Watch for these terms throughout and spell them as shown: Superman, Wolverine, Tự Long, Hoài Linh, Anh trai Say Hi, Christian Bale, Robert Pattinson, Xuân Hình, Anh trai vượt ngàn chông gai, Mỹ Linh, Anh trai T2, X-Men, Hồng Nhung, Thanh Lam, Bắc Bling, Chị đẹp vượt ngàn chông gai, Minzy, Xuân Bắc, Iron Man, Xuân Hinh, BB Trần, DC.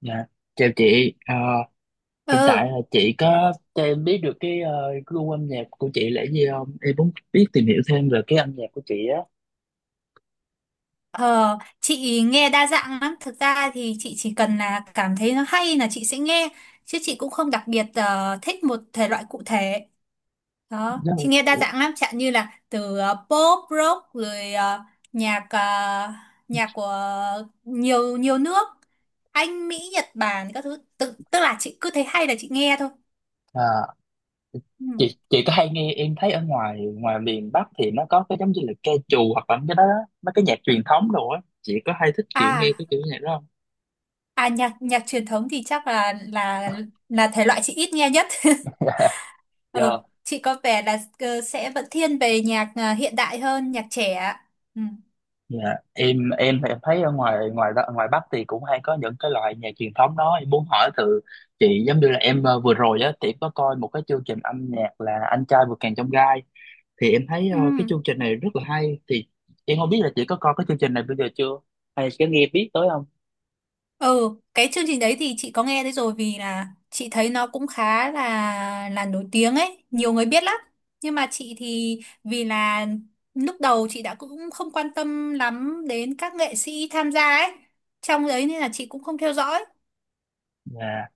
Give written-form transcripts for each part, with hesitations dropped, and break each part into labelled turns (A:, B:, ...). A: Dạ, chào chị. Ờ, Hiện
B: Ừ,
A: tại là chị có cho em biết được gu âm nhạc của chị là gì không? Em muốn biết tìm hiểu thêm về cái âm nhạc của chị á.
B: ờ, chị nghe đa dạng lắm. Thực ra thì chị chỉ cần là cảm thấy nó hay là chị sẽ nghe, chứ chị cũng không đặc biệt thích một thể loại cụ thể. Đó,
A: Đó.
B: chị nghe đa dạng lắm, chẳng như là từ pop, rock rồi nhạc nhạc của nhiều nhiều nước, Anh, Mỹ, Nhật Bản các thứ. Tức là chị cứ thấy hay là chị nghe thôi.
A: Ờ,
B: Ừ.
A: chị có hay nghe em thấy ở ngoài ngoài miền Bắc thì nó có cái giống như là ca trù hoặc là cái đó đó, mấy cái nhạc truyền thống đồ á. Chị có hay thích kiểu nghe
B: À,
A: cái kiểu nhạc đó không?
B: à nhạc nhạc truyền thống thì chắc là là thể loại chị ít nghe nhất. Ờ,
A: Dạ.
B: chị có vẻ là sẽ vẫn thiên về nhạc à, hiện đại hơn nhạc trẻ ạ. Ừ.
A: Dạ, em thì em thấy ở ngoài ngoài đó- ngoài Bắc thì cũng hay có những cái loại nhạc truyền thống đó em muốn hỏi từ chị giống như là em vừa rồi á thì em có coi một cái chương trình âm nhạc là Anh trai vượt ngàn chông gai thì em thấy
B: Ừ.
A: cái chương trình này rất là hay thì em không biết là chị có coi cái chương trình này bây giờ chưa hay có nghe biết tới không?
B: Ừ, cái chương trình đấy thì chị có nghe thấy rồi vì là chị thấy nó cũng khá là nổi tiếng ấy, nhiều người biết lắm. Nhưng mà chị thì vì là lúc đầu chị đã cũng không quan tâm lắm đến các nghệ sĩ tham gia ấy. Trong đấy nên là chị cũng không theo dõi.
A: Dạ,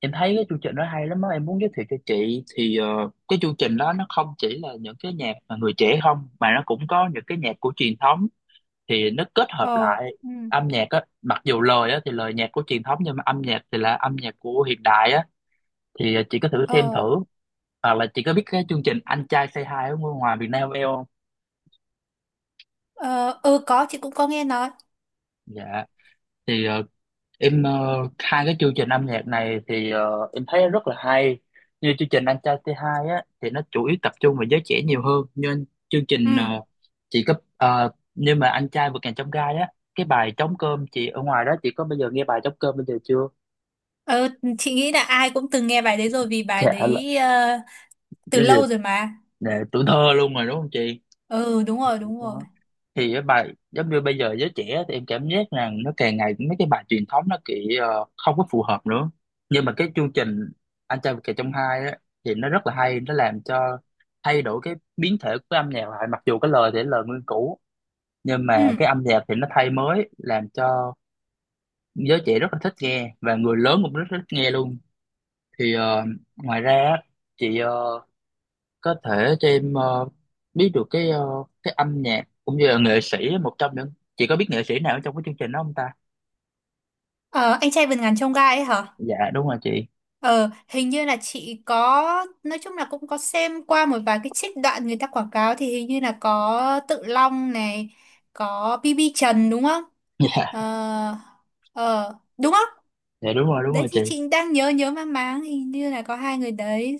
A: em thấy cái chương trình đó hay lắm á em muốn giới thiệu cho chị thì cái chương trình đó nó không chỉ là những cái nhạc mà người trẻ không mà nó cũng có những cái nhạc của truyền thống thì nó kết hợp
B: Ồ,
A: lại
B: ừ.
A: âm nhạc á, mặc dù lời á thì lời nhạc của truyền thống nhưng mà âm nhạc thì là âm nhạc của hiện đại á thì chị có thử xem
B: ờ,
A: thử hoặc là chị có biết cái chương trình Anh trai Say Hi ở ngoài Việt Nam em không.
B: ờ, ừ có chị cũng có nghe nói.
A: Dạ thì em ờ, hai cái chương trình âm nhạc này thì em thấy rất là hay, như chương trình Anh trai T2 á thì nó chủ yếu tập trung vào giới trẻ nhiều hơn. Nhưng chương trình
B: Ừ.
A: chị nhưng mà anh trai vượt ngàn chông gai á, cái bài trống cơm chị ở ngoài đó chị có bao giờ nghe bài trống cơm bây giờ chưa?
B: Ờ, chị nghĩ là ai cũng từng nghe bài đấy rồi vì bài
A: Dạ
B: đấy từ
A: giáo dục
B: lâu rồi mà.
A: là tuổi thơ luôn rồi đúng không chị?
B: Ừ, đúng rồi, đúng rồi.
A: Đó. Thì cái bài giống như bây giờ giới trẻ thì em cảm giác rằng nó càng ngày mấy cái bài truyền thống nó kiểu không có phù hợp nữa. Nhưng mà cái chương trình Anh trai vượt ngàn chông gai á thì nó rất là hay, nó làm cho thay đổi cái biến thể của âm nhạc lại, mặc dù cái lời thì là lời nguyên cũ nhưng mà
B: Ừ.
A: cái âm nhạc thì nó thay mới làm cho giới trẻ rất là thích nghe và người lớn cũng rất thích nghe luôn. Thì ngoài ra á, chị có thể cho em biết được cái âm nhạc cũng như là nghệ sĩ, một trong những chị có biết nghệ sĩ nào ở trong cái chương trình đó không ta?
B: Ờ, anh trai vượt ngàn chông gai ấy hả?
A: Dạ đúng rồi chị.
B: Ờ, hình như là chị có, nói chung là cũng có xem qua một vài cái trích đoạn người ta quảng cáo thì hình như là có Tự Long này, có BB Trần đúng không?
A: Dạ.
B: Ờ, đúng không?
A: Dạ đúng
B: Đấy
A: rồi
B: thì
A: chị.
B: chị đang nhớ nhớ mang máng hình như là có hai người đấy.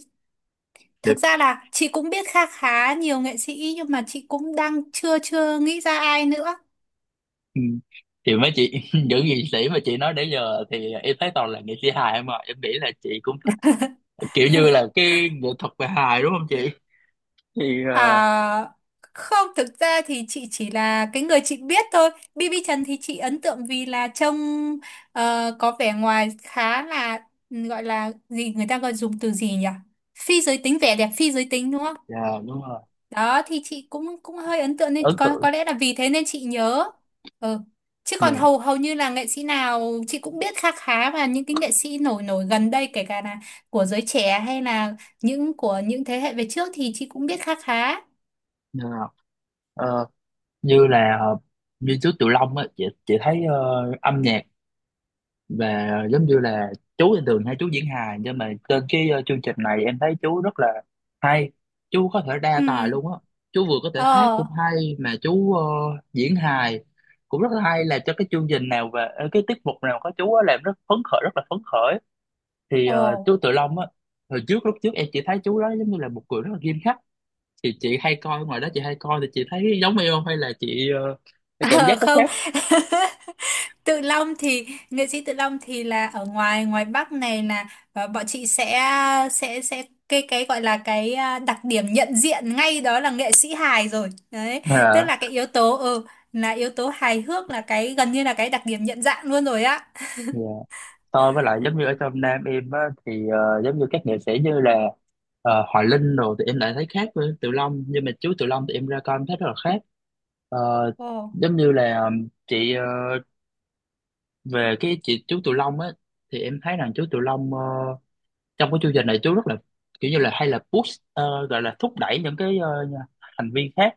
B: Thực
A: Được.
B: ra là chị cũng biết khá khá nhiều nghệ sĩ nhưng mà chị cũng đang chưa chưa nghĩ ra ai nữa.
A: Ừ. Thì mấy chị những nghệ sĩ mà chị nói đến giờ thì em thấy toàn là nghệ sĩ hài em, mà em nghĩ là chị cũng thích kiểu như là cái nghệ thuật về hài đúng không chị? Thì
B: À, không, thực ra thì chị chỉ là cái người chị biết thôi. BB Trần thì chị ấn tượng vì là trông có vẻ ngoài khá là ừ, gọi là gì người ta gọi dùng từ gì nhỉ? Phi giới tính, vẻ đẹp phi giới tính đúng không?
A: dạ đúng rồi,
B: Đó thì chị cũng cũng hơi ấn tượng nên
A: ấn tượng.
B: có lẽ là vì thế nên chị nhớ. Ừ. Chứ còn
A: Dạ.
B: hầu hầu như là nghệ sĩ nào chị cũng biết khá khá và những cái nghệ sĩ nổi nổi gần đây kể cả là của giới trẻ hay là những của những thế hệ về trước thì chị cũng biết khá khá
A: Dạ. Ờ, như là như trước Tiểu Long á, chị thấy âm nhạc và giống như là chú thì thường hay chú diễn hài nhưng mà trên chương trình này em thấy chú rất là hay, chú có thể đa tài luôn
B: Ừ.
A: á, chú vừa có thể hát
B: ờ
A: cũng hay mà chú diễn hài cũng rất là hay, là cho cái chương trình nào và cái tiết mục nào có chú á làm rất phấn khởi, rất là phấn khởi. Thì
B: Ồ.
A: chú Tự Long á, hồi trước lúc trước em chỉ thấy chú đó giống như là một người rất là nghiêm khắc. Thì chị hay coi ngoài đó, chị hay coi thì chị thấy giống em không hay là chị cái cảm
B: Ờ,
A: giác có
B: không.
A: khác?
B: Tự Long thì nghệ sĩ Tự Long thì là ở ngoài ngoài Bắc này là bọn chị sẽ sẽ cái gọi là cái à, đặc điểm nhận diện ngay đó là nghệ sĩ hài rồi đấy, tức
A: À
B: là cái yếu tố ừ, là yếu tố hài hước là cái gần như là cái đặc điểm nhận dạng luôn rồi á.
A: dạ, tôi với lại giống như ở trong Nam em á, thì giống như các nghệ sĩ như là Hoài Linh rồi thì em lại thấy khác với Tự Long, nhưng mà chú Tự Long thì em ra coi em thấy rất là khác. Ờ,
B: Ồ.
A: giống như là về cái chị chú Tự Long á thì em thấy rằng chú Tự Long trong cái chương trình này chú rất là kiểu như là hay là push, gọi là thúc đẩy những thành viên khác.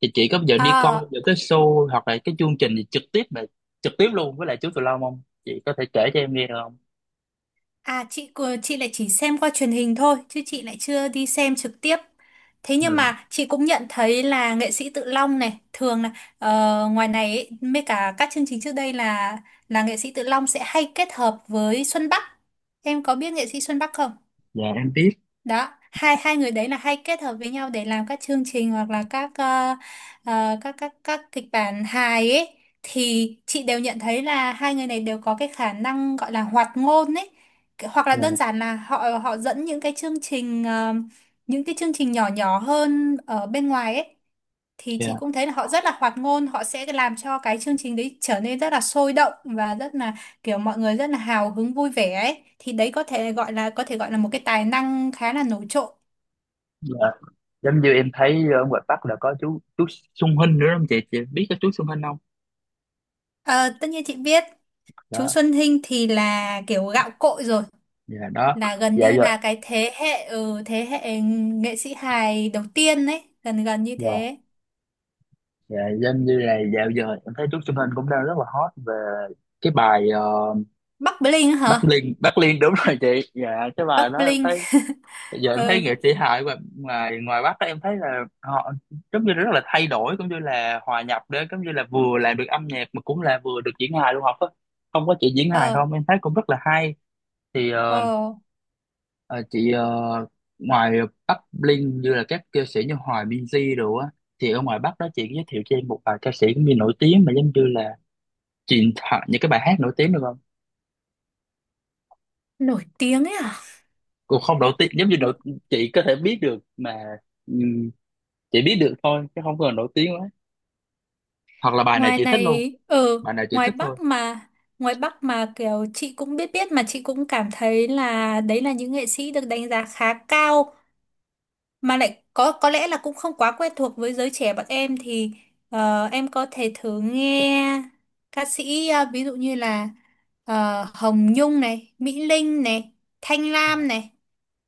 A: Thì chị có bao giờ đi coi
B: Ờ.
A: những cái show hoặc là cái chương trình gì trực tiếp mà trực tiếp luôn với lại chú Tự Long không, chị có thể kể cho em nghe được không?
B: À, chị lại chỉ xem qua truyền hình thôi chứ chị lại chưa đi xem trực tiếp. Thế nhưng mà chị cũng nhận thấy là nghệ sĩ Tự Long này thường là ờ, ngoài này ấy, mấy cả các chương trình trước đây là nghệ sĩ Tự Long sẽ hay kết hợp với Xuân Bắc. Em có biết nghệ sĩ Xuân Bắc không?
A: Dạ em biết.
B: Đó hai hai người đấy là hay kết hợp với nhau để làm các chương trình hoặc là các các các kịch bản hài ấy thì chị đều nhận thấy là hai người này đều có cái khả năng gọi là hoạt ngôn ấy. Cái- hoặc là đơn
A: Dạ.
B: giản là họ họ dẫn những cái chương trình những cái chương trình nhỏ nhỏ hơn ở bên ngoài ấy thì chị
A: Dạ.
B: cũng thấy là họ rất là hoạt ngôn, họ sẽ làm cho cái chương trình đấy trở nên rất là sôi động và rất là kiểu mọi người rất là hào hứng vui vẻ ấy thì đấy có thể gọi là một cái tài năng khá là nổi trội.
A: Dạ giống như em thấy ở ngoài Bắc là có chú Xuân Hinh nữa không chị biết cái chú Xuân Hinh không?
B: Ờ, tất nhiên chị biết. Chú
A: Đó.
B: Xuân Hinh thì là kiểu gạo cội rồi,
A: Dạ đó.
B: là gần
A: Dạ
B: như
A: giờ.
B: là cái thế hệ ừ, thế hệ nghệ sĩ hài đầu tiên ấy, gần gần như
A: Dạ.
B: thế.
A: Dạ giống như này dạo giờ em thấy chú Xuân Hinh cũng đang rất là hot về cái bài
B: Bắc Bling
A: Bắc
B: hả?
A: Liên, Bắc Liên đúng rồi chị, dạ cái bài
B: Bắc
A: đó em
B: Bling.
A: thấy giờ em thấy
B: Ừ.
A: nghệ sĩ hài ngoài ngoài ngoài Bắc á, em thấy là họ giống như rất là thay đổi cũng như là hòa nhập đấy, giống như là vừa làm được âm nhạc mà cũng là vừa được diễn hài luôn học á, không có chị diễn hài
B: ờ
A: không em thấy cũng rất là hay. Thì
B: ờ
A: ờ, chị ờ, ngoài Bắc Linh như là các ca sĩ như Hoài Minzy rồi á thì ở ngoài Bắc đó chị giới thiệu cho em một vài ca sĩ cũng như nổi tiếng mà giống như là truyền thoại những cái bài hát nổi tiếng được không?
B: Nổi tiếng ấy à?
A: Cũng không nổi tiếng giống như nổi, chị có thể biết được mà. ừm, chị biết được thôi chứ không cần nổi tiếng quá, hoặc là bài này
B: Ngoài
A: chị thích luôn,
B: này ở
A: bài này chị
B: ngoài
A: thích thôi.
B: Bắc mà, ngoài Bắc mà kiểu chị cũng biết biết mà chị cũng cảm thấy là đấy là những nghệ sĩ được đánh giá khá cao mà lại có lẽ là cũng không quá quen thuộc với giới trẻ bọn em thì em có thể thử nghe ca sĩ ví dụ như là Hồng Nhung này, Mỹ Linh này, Thanh Lam này,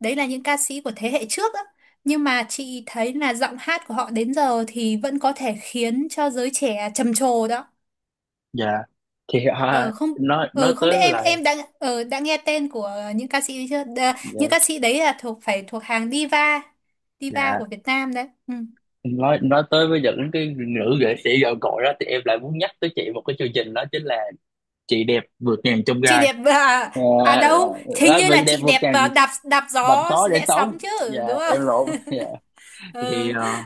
B: đấy là những ca sĩ của thế hệ trước á, nhưng mà chị thấy là giọng hát của họ đến giờ thì vẫn có thể khiến cho giới trẻ trầm trồ đó.
A: Dạ thì
B: Ờ không,
A: nói
B: không
A: tới
B: biết
A: lại.
B: em đã đã nghe tên của những ca sĩ ấy chưa? Những
A: Dạ.
B: ca sĩ đấy là thuộc phải thuộc hàng diva, diva
A: Dạ.
B: của Việt Nam đấy. Ừ.
A: Nói tới với những cái nữ nghệ sĩ gạo cội đó thì em lại muốn nhắc tới chị một cái chương trình đó chính là chị đẹp vượt ngàn chông
B: Chị
A: gai.
B: đẹp à,
A: À,
B: à đâu, hình
A: à,
B: như là
A: vậy đẹp
B: chị
A: vượt
B: đẹp
A: ngàn
B: à, đạp đạp
A: đầm
B: gió
A: só để
B: rẽ sóng
A: sống,
B: chứ,
A: dạ
B: đúng không?
A: em lộn, dạ thì
B: Ờ.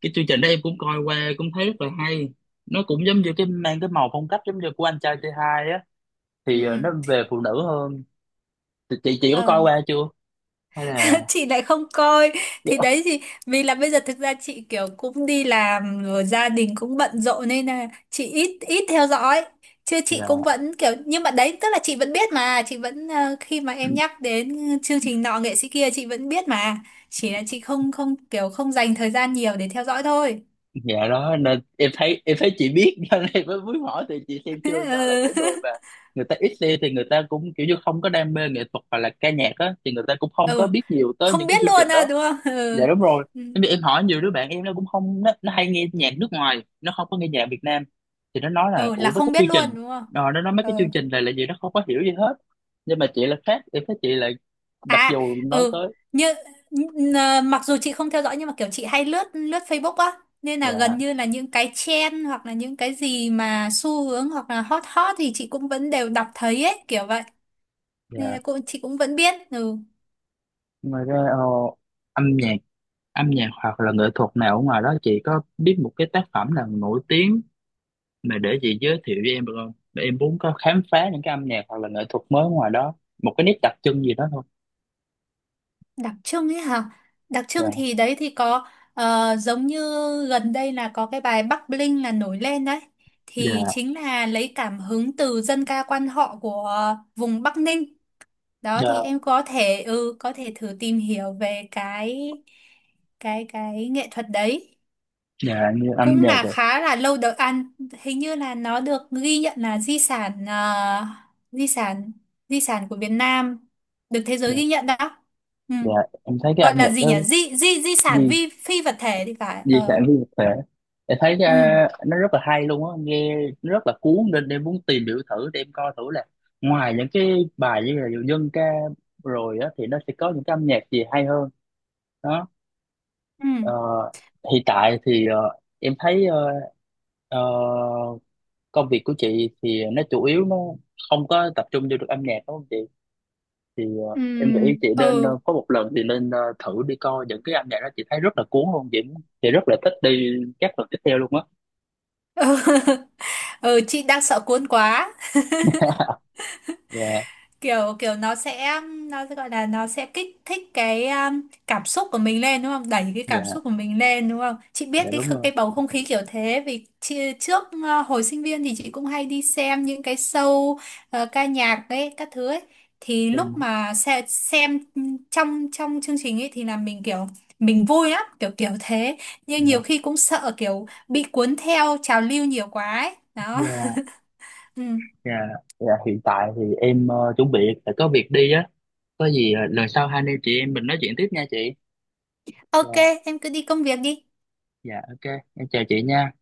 A: cái chương trình đó em cũng coi qua cũng thấy rất là hay, nó cũng giống như cái mang cái màu phong cách giống như của anh trai T2 á, thì
B: Ừ.
A: nó về phụ nữ hơn. Thì chị có
B: Ờ.
A: coi qua chưa hay là
B: Chị lại không coi,
A: dạ.
B: thì đấy thì vì là bây giờ thực ra chị kiểu cũng đi làm rồi gia đình cũng bận rộn nên là chị ít ít theo dõi chứ chị
A: Dạ.
B: cũng vẫn kiểu nhưng mà đấy tức là chị vẫn biết mà chị vẫn khi mà em nhắc đến chương trình nọ nghệ sĩ kia chị vẫn biết mà, chỉ là chị không không kiểu không dành thời gian nhiều để theo dõi thôi.
A: Dạ đó nên em thấy, em thấy chị biết cho nên em mới muốn hỏi thì chị xem chưa, do là
B: Ừ.
A: những người mà người ta ít xem thì người ta cũng kiểu như không có đam mê nghệ thuật hoặc là ca nhạc á thì người ta cũng không có
B: Ừ
A: biết nhiều tới
B: không
A: những cái
B: biết
A: chương
B: luôn
A: trình
B: à
A: đó.
B: đúng không? Ừ.
A: Dạ đúng rồi.
B: Ừ.
A: Tại vì em hỏi nhiều đứa bạn em, nó cũng không nó, nó hay nghe nhạc nước ngoài, nó không có nghe nhạc Việt Nam thì nó nói là
B: Ừ, là
A: ủa mấy
B: không
A: cái
B: biết
A: chương trình
B: luôn đúng không?
A: nó nói mấy
B: Ừ.
A: cái chương trình này là gì, nó không có hiểu gì hết. Nhưng mà chị là khác, em thấy chị là mặc
B: À,
A: dù nói
B: ừ,
A: tới
B: như mặc dù chị không theo dõi nhưng mà kiểu chị hay lướt lướt Facebook á, nên là gần
A: dạ.
B: như là những cái trend hoặc là những cái gì mà xu hướng hoặc là hot hot thì chị cũng vẫn đều đọc thấy ấy, kiểu vậy. Nên
A: Dạ.
B: là cũng chị cũng vẫn biết. Ừ,
A: Ngoài ra âm nhạc âm nhạc hoặc là nghệ thuật nào ở ngoài đó chị có biết một cái tác phẩm nào nổi tiếng mà để chị giới thiệu với em được không, để em muốn có khám phá những cái âm nhạc hoặc là nghệ thuật mới ngoài đó, một cái nét đặc trưng gì đó thôi.
B: đặc trưng ấy hả? Đặc trưng
A: Dạ.
B: thì đấy thì có giống như gần đây là có cái bài Bắc Bling là nổi lên đấy.
A: Dạ.
B: Thì chính là lấy cảm hứng từ dân ca quan họ của vùng Bắc Ninh, đó
A: Dạ.
B: thì em có thể ừ có thể thử tìm hiểu về cái cái nghệ thuật đấy,
A: Dạ như âm
B: cũng
A: nhạc
B: là
A: rồi.
B: khá là lâu đời ăn, hình như là nó được ghi nhận là di sản di sản, di sản của Việt Nam được thế giới
A: Dạ.
B: ghi nhận đó. Ừ.
A: Dạ em thấy cái
B: Gọi
A: âm
B: là
A: nhạc
B: gì
A: đó,
B: nhỉ, di di di sản
A: di
B: vi phi vật thể thì phải.
A: di
B: Ờ
A: sản phi vật thể em thấy
B: ừ.
A: nó rất là hay luôn á nghe, nó rất là cuốn nên em muốn tìm hiểu thử để em coi thử là ngoài những cái bài như là dân ca rồi á thì nó sẽ có những cái âm nhạc gì hay hơn. Đó.
B: Ừ.
A: Ờ, hiện tại thì ờ, công việc của chị thì nó chủ yếu nó không có tập trung vô được âm nhạc đúng không chị? Thì
B: Ừ.
A: em nghĩ chị nên
B: Ừ.
A: ờ, có một lần thì nên thử đi coi những cái âm nhạc đó, chị thấy rất là cuốn luôn chị rất là thích đi các lần tiếp theo luôn á.
B: Ừ chị đang sợ cuốn quá,
A: Dạ.
B: kiểu kiểu nó sẽ gọi là nó sẽ kích thích cái cảm xúc của mình lên đúng không, đẩy cái
A: Dạ.
B: cảm xúc của mình lên đúng không, chị biết
A: Dạ
B: cái
A: đúng rồi.
B: cái bầu không khí kiểu thế vì trước hồi sinh viên thì chị cũng hay đi xem những cái show ca nhạc ấy các thứ ấy thì
A: Dạ.
B: lúc mà xem trong trong chương trình ấy thì là mình kiểu mình vui lắm kiểu kiểu thế, nhưng
A: Dạ.
B: nhiều khi cũng sợ kiểu bị cuốn theo trào lưu nhiều quá ấy đó.
A: Dạ.
B: Ừ.
A: Dạ. Dạ, hiện tại thì em chuẩn bị phải có việc đi á. Có gì lần sau hai anh em chị em mình nói chuyện tiếp nha chị.
B: Ok,
A: Dạ.
B: em cứ đi công việc đi.
A: Dạ ok em chào chị nha.